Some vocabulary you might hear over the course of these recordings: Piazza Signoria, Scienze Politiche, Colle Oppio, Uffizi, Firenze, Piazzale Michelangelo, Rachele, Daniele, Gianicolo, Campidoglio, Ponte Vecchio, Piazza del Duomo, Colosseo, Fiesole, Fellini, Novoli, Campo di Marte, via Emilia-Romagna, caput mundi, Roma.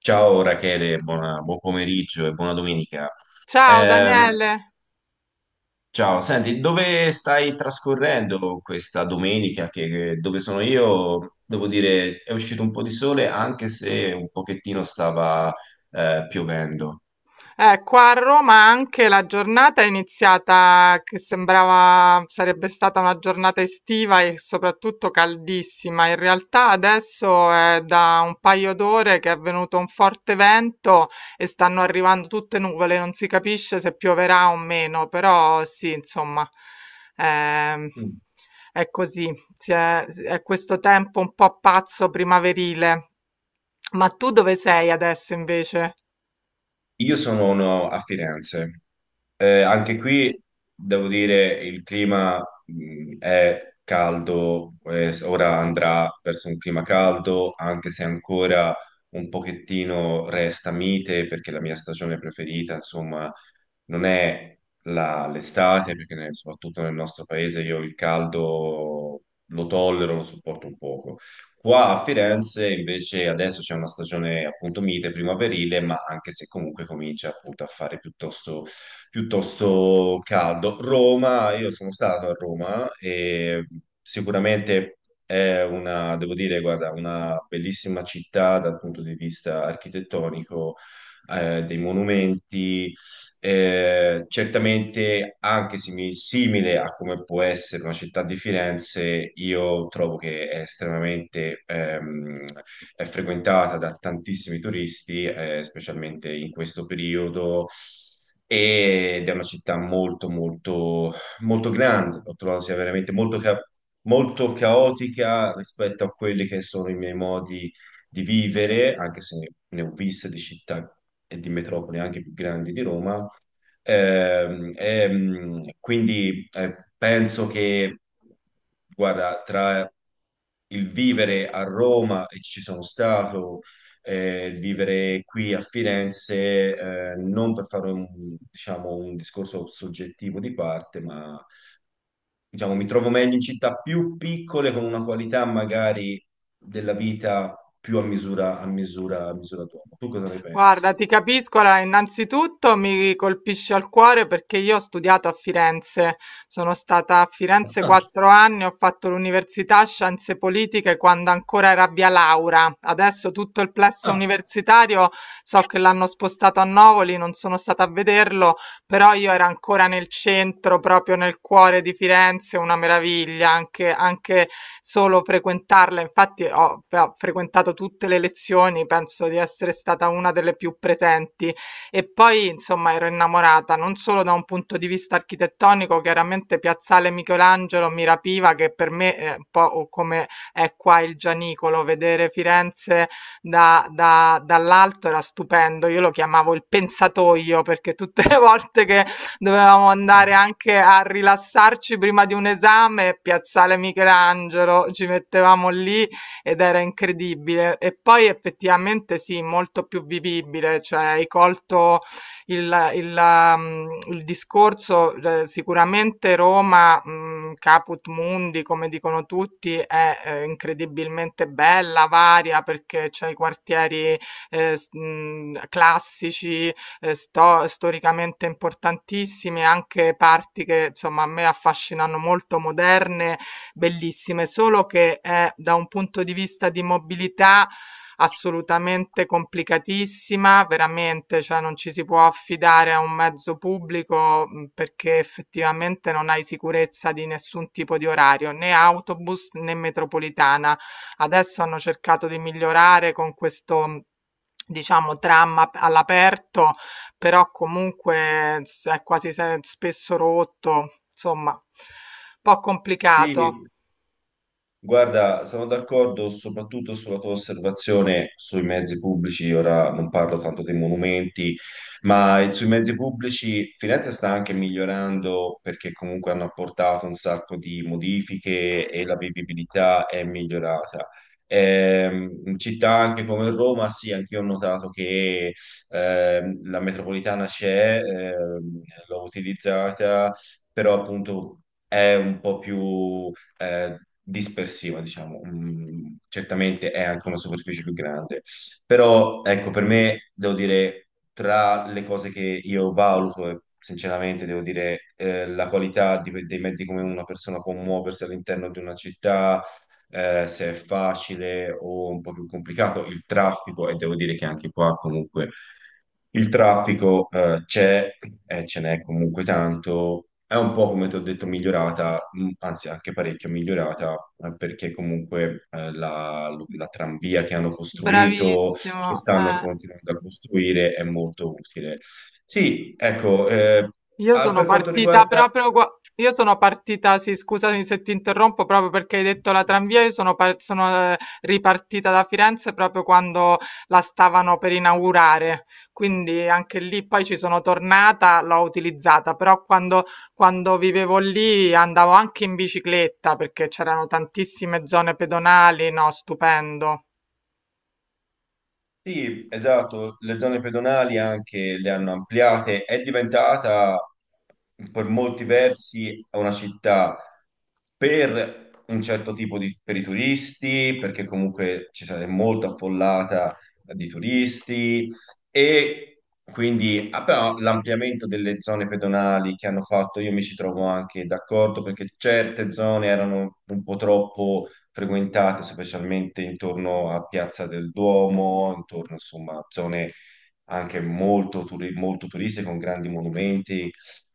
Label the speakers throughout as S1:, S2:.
S1: Ciao Rachele, buon pomeriggio e buona domenica.
S2: Ciao
S1: Ehm,
S2: Daniele,
S1: ciao, senti, dove stai trascorrendo questa domenica? Dove sono io? Devo dire, è uscito un po' di sole, anche se un pochettino stava piovendo.
S2: qua a Roma anche la giornata è iniziata che sembrava sarebbe stata una giornata estiva e soprattutto caldissima. In realtà adesso è da un paio d'ore che è venuto un forte vento e stanno arrivando tutte nuvole, non si capisce se pioverà o meno, però sì, insomma, ehm,
S1: Mm.
S2: è così, si è questo tempo un po' pazzo primaverile. Ma tu dove sei adesso invece?
S1: Io sono no, a Firenze. Anche qui devo dire il clima è caldo, ora andrà verso un clima caldo, anche se ancora un pochettino resta mite, perché la mia stagione preferita, insomma, non è l'estate, perché soprattutto nel nostro paese io il caldo lo tollero, lo sopporto un poco. Qua a Firenze invece adesso c'è una stagione appunto mite, primaverile, ma anche se comunque comincia appunto a fare piuttosto caldo. Roma, io sono stato a Roma e sicuramente è una, devo dire, guarda, una bellissima città dal punto di vista architettonico, dei monumenti certamente, anche simile a come può essere una città di Firenze, io trovo che è estremamente è frequentata da tantissimi turisti, specialmente in questo periodo. Ed è una città molto, molto, molto grande. Ho trovato sia veramente molto, molto caotica rispetto a quelli che sono i miei modi di vivere, anche se ne ho viste di città e di metropoli anche più grandi di Roma. Quindi penso che, guarda, tra il vivere a Roma, e ci sono stato, il vivere qui a Firenze, non per fare un, diciamo, un discorso soggettivo di parte, ma diciamo, mi trovo meglio in città più piccole con una qualità magari della vita più a misura d'uomo. Tu cosa ne pensi?
S2: Guarda, ti capisco, allora, innanzitutto mi colpisce al cuore perché io ho studiato a Firenze, sono stata a Firenze 4 anni, ho fatto l'università Scienze Politiche quando ancora era via Laura, adesso tutto il plesso
S1: Ah,
S2: universitario so che l'hanno spostato a Novoli, non sono stata a vederlo, però io era ancora nel centro, proprio nel cuore di Firenze, una meraviglia, anche, anche solo frequentarla, infatti ho frequentato tutte le lezioni, penso di essere stata una delle più presenti e poi insomma ero innamorata non solo da un punto di vista architettonico, chiaramente Piazzale Michelangelo mi rapiva che per me è un po' come è qua il Gianicolo, vedere Firenze dall'alto era stupendo, io lo chiamavo il pensatoio perché tutte le volte che dovevamo
S1: ah,
S2: andare
S1: ah.
S2: anche a rilassarci prima di un esame, Piazzale Michelangelo, ci mettevamo lì ed era incredibile. E poi effettivamente sì, molto più vivibile, cioè hai colto il discorso, sicuramente Roma, caput mundi, come dicono tutti, è incredibilmente bella, varia, perché c'è i quartieri classici, storicamente importantissime, anche parti che insomma a me affascinano molto, moderne, bellissime, solo che è da un punto di vista di mobilità assolutamente complicatissima, veramente, cioè non ci si può affidare a un mezzo pubblico perché effettivamente non hai sicurezza di nessun tipo di orario, né autobus né metropolitana. Adesso hanno cercato di migliorare con questo diciamo all'aperto però comunque è quasi spesso rotto, insomma, un po'
S1: Sì,
S2: complicato.
S1: guarda, sono d'accordo soprattutto sulla tua osservazione sui mezzi pubblici, ora non parlo tanto dei monumenti, ma sui mezzi pubblici Firenze sta anche migliorando perché comunque hanno apportato un sacco di modifiche e la vivibilità è migliorata. In città anche come Roma, sì, anch'io ho notato che la metropolitana c'è, l'ho utilizzata, però appunto è un po' più dispersiva, diciamo. Mm, certamente è anche una superficie più grande, però ecco, per me devo dire tra le cose che io valuto e sinceramente, devo dire, la qualità dei mezzi come una persona può muoversi all'interno di una città, se è facile o un po' più complicato, il traffico, e devo dire che anche qua comunque il traffico c'è e ce n'è comunque tanto. È un po', come ti ho detto, migliorata, anzi anche parecchio migliorata, perché comunque la tranvia che hanno costruito, che
S2: Bravissimo,
S1: stanno
S2: eh.
S1: continuando a costruire, è molto utile. Sì, ecco,
S2: Io
S1: ah,
S2: sono
S1: per quanto
S2: partita
S1: riguarda
S2: proprio qua. Io sono partita, sì, scusami se ti interrompo, proprio perché hai detto la tramvia, io sono, sono ripartita da Firenze proprio quando la stavano per inaugurare, quindi anche lì poi ci sono tornata, l'ho utilizzata, però quando vivevo lì andavo anche in bicicletta perché c'erano tantissime zone pedonali, no, stupendo.
S1: sì, esatto, le zone pedonali anche le hanno ampliate, è diventata per molti versi una città per un certo tipo di, per i turisti, perché comunque ci sarà molto affollata di turisti e quindi ah, però l'ampliamento delle zone pedonali che hanno fatto, io mi ci trovo anche d'accordo perché certe zone erano un po' troppo frequentate, specialmente intorno a Piazza del Duomo, intorno insomma a zone anche molto, molto turiste con grandi monumenti,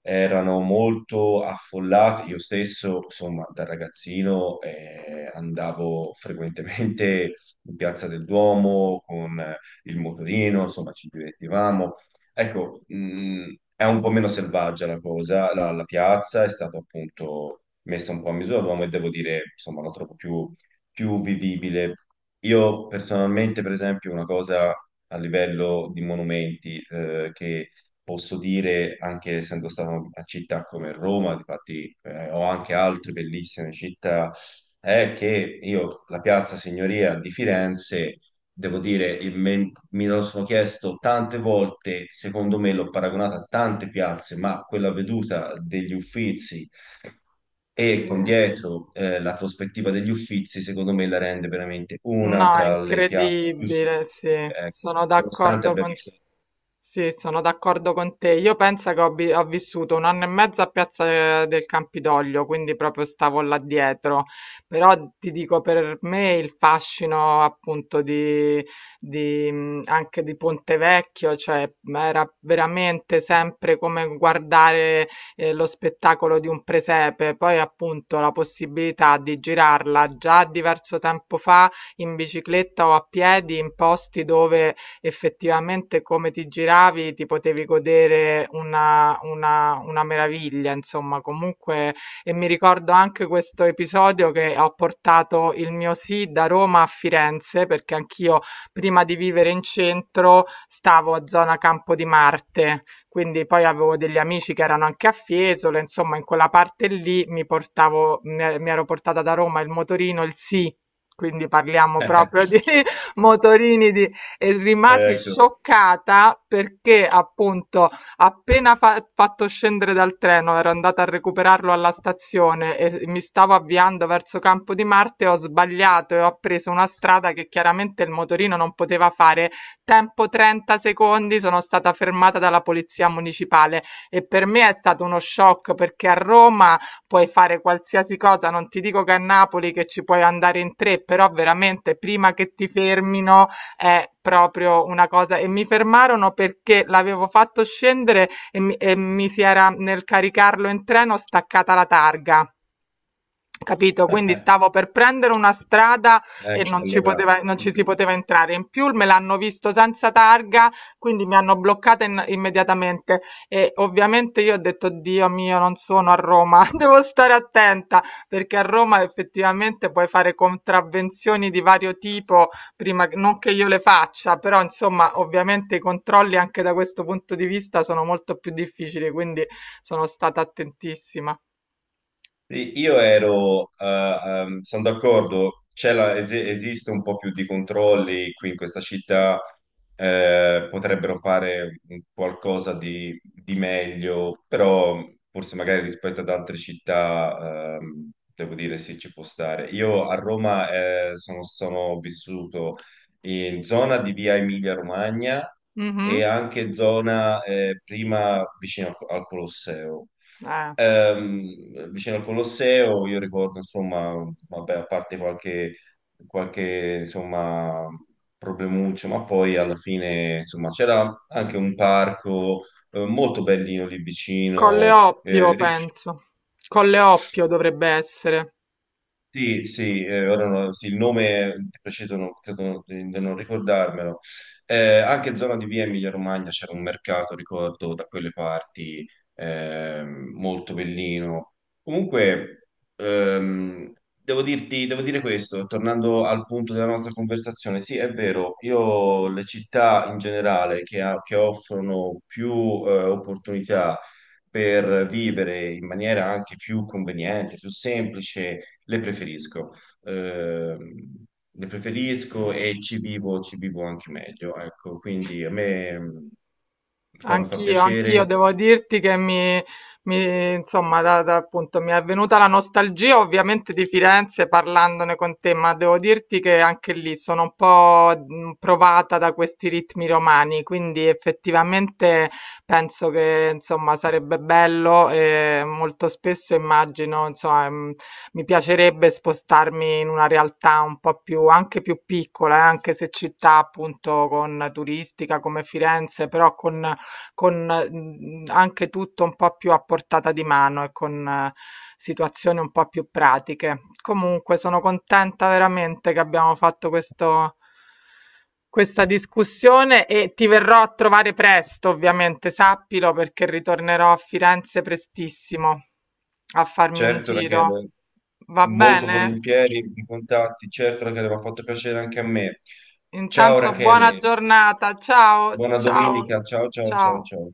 S1: erano molto affollate. Io stesso, insomma, da ragazzino andavo frequentemente in Piazza del Duomo con il motorino, insomma, ci divertivamo. Ecco, è un po' meno selvaggia la cosa, la piazza è stata appunto messa un po' a misura d'uomo e devo dire, insomma, la trovo più vivibile. Io personalmente, per esempio, una cosa a livello di monumenti che posso dire, anche essendo stato in una città come Roma, infatti ho anche altre bellissime città, è che io la Piazza Signoria di Firenze, devo dire, mi lo sono chiesto tante volte, secondo me l'ho paragonata a tante piazze, ma quella veduta degli Uffizi e
S2: Sì.
S1: con dietro la prospettiva degli Uffizi, secondo me la rende veramente una
S2: No, è
S1: tra le piazze più
S2: incredibile, sì,
S1: suggestive, ecco. Nonostante abbia visto...
S2: sì, sono d'accordo con te. Io penso che ho, ho vissuto un anno e mezzo a Piazza del Campidoglio, quindi proprio stavo là dietro. Però ti dico, per me il fascino appunto di, anche di Ponte Vecchio, cioè ma era veramente sempre come guardare lo spettacolo di un presepe. Poi appunto la possibilità di girarla già diverso tempo fa in bicicletta o a piedi in posti dove effettivamente come ti giravi ti potevi godere una meraviglia, insomma, comunque e mi ricordo anche questo episodio che ho portato il mio sì da Roma a Firenze, perché anch'io prima di vivere in centro stavo a zona Campo di Marte, quindi poi avevo degli amici che erano anche a Fiesole, insomma in quella parte lì mi portavo, mi ero portata da Roma il motorino, il sì quindi parliamo proprio di motorini di... e rimasi
S1: Ecco,
S2: scioccata perché appunto appena fatto scendere dal treno, ero andata a recuperarlo alla stazione e mi stavo avviando verso Campo di Marte, ho sbagliato e ho preso una strada che chiaramente il motorino non poteva fare. Tempo 30 secondi, sono stata fermata dalla polizia municipale e per me è stato uno shock perché a Roma puoi fare qualsiasi cosa, non ti dico che a Napoli che ci puoi andare in tre, però veramente prima che ti fermino è proprio una cosa. E mi fermarono perché l'avevo fatto scendere e mi si era nel caricarlo in treno staccata la targa. Capito? Quindi stavo per prendere una strada e
S1: ecco, allora...
S2: non ci si poteva entrare. In più me l'hanno visto senza targa, quindi mi hanno bloccata immediatamente. E ovviamente io ho detto: Dio mio, non sono a Roma, devo stare attenta perché a Roma effettivamente puoi fare contravvenzioni di vario tipo, non che io le faccia, però insomma, ovviamente i controlli anche da questo punto di vista sono molto più difficili, quindi sono stata attentissima.
S1: Sì, io ero, sono d'accordo, esiste un po' più di controlli qui in questa città, potrebbero fare un qualcosa di meglio, però forse magari rispetto ad altre città, devo dire sì, ci può stare. Io a Roma, sono vissuto in zona di via Emilia-Romagna e
S2: Mhm.
S1: anche zona, prima vicino al Colosseo.
S2: Eh.
S1: Vicino al Colosseo, io ricordo, insomma, vabbè, qualche insomma, problemuccio, ma poi alla fine, insomma, c'era anche un parco molto bellino lì
S2: Colle
S1: vicino. Eh,
S2: Oppio, penso, Colle Oppio dovrebbe essere.
S1: sì, sì, ora no- sì, il nome di preciso non, credo di non ricordarmelo. Anche zona di via Emilia-Romagna c'era un mercato, ricordo, da quelle parti, molto bellino. Comunque, ehm, devo dirti, devo dire questo, tornando al punto della nostra conversazione, sì, è vero, io le città in generale che, che offrono più, opportunità per vivere in maniera anche più conveniente, più semplice, le preferisco. Ehm, le preferisco e ci vivo anche meglio, ecco, quindi a me mi fa
S2: Anch'io, anch'io
S1: piacere,
S2: devo dirti che insomma, appunto, mi è venuta la nostalgia ovviamente di Firenze parlandone con te, ma devo dirti che anche lì sono un po' provata da questi ritmi romani, quindi effettivamente penso che, insomma, sarebbe bello e molto spesso immagino, insomma, mi piacerebbe spostarmi in una realtà un po' più, anche più piccola, anche se città appunto con turistica come Firenze, però con anche tutto un po' più a portata di mano e con situazioni un po' più pratiche. Comunque sono contenta veramente che abbiamo fatto questo questa discussione e ti verrò a trovare presto, ovviamente, sappilo, perché ritornerò a Firenze prestissimo a farmi un
S1: certo
S2: giro.
S1: Rachele,
S2: Va
S1: molto
S2: bene?
S1: volentieri i contatti, certo Rachele, mi ha fatto piacere anche a me. Ciao
S2: Intanto buona
S1: Rachele,
S2: giornata. Ciao,
S1: buona
S2: ciao,
S1: domenica, ciao ciao ciao
S2: ciao.
S1: ciao.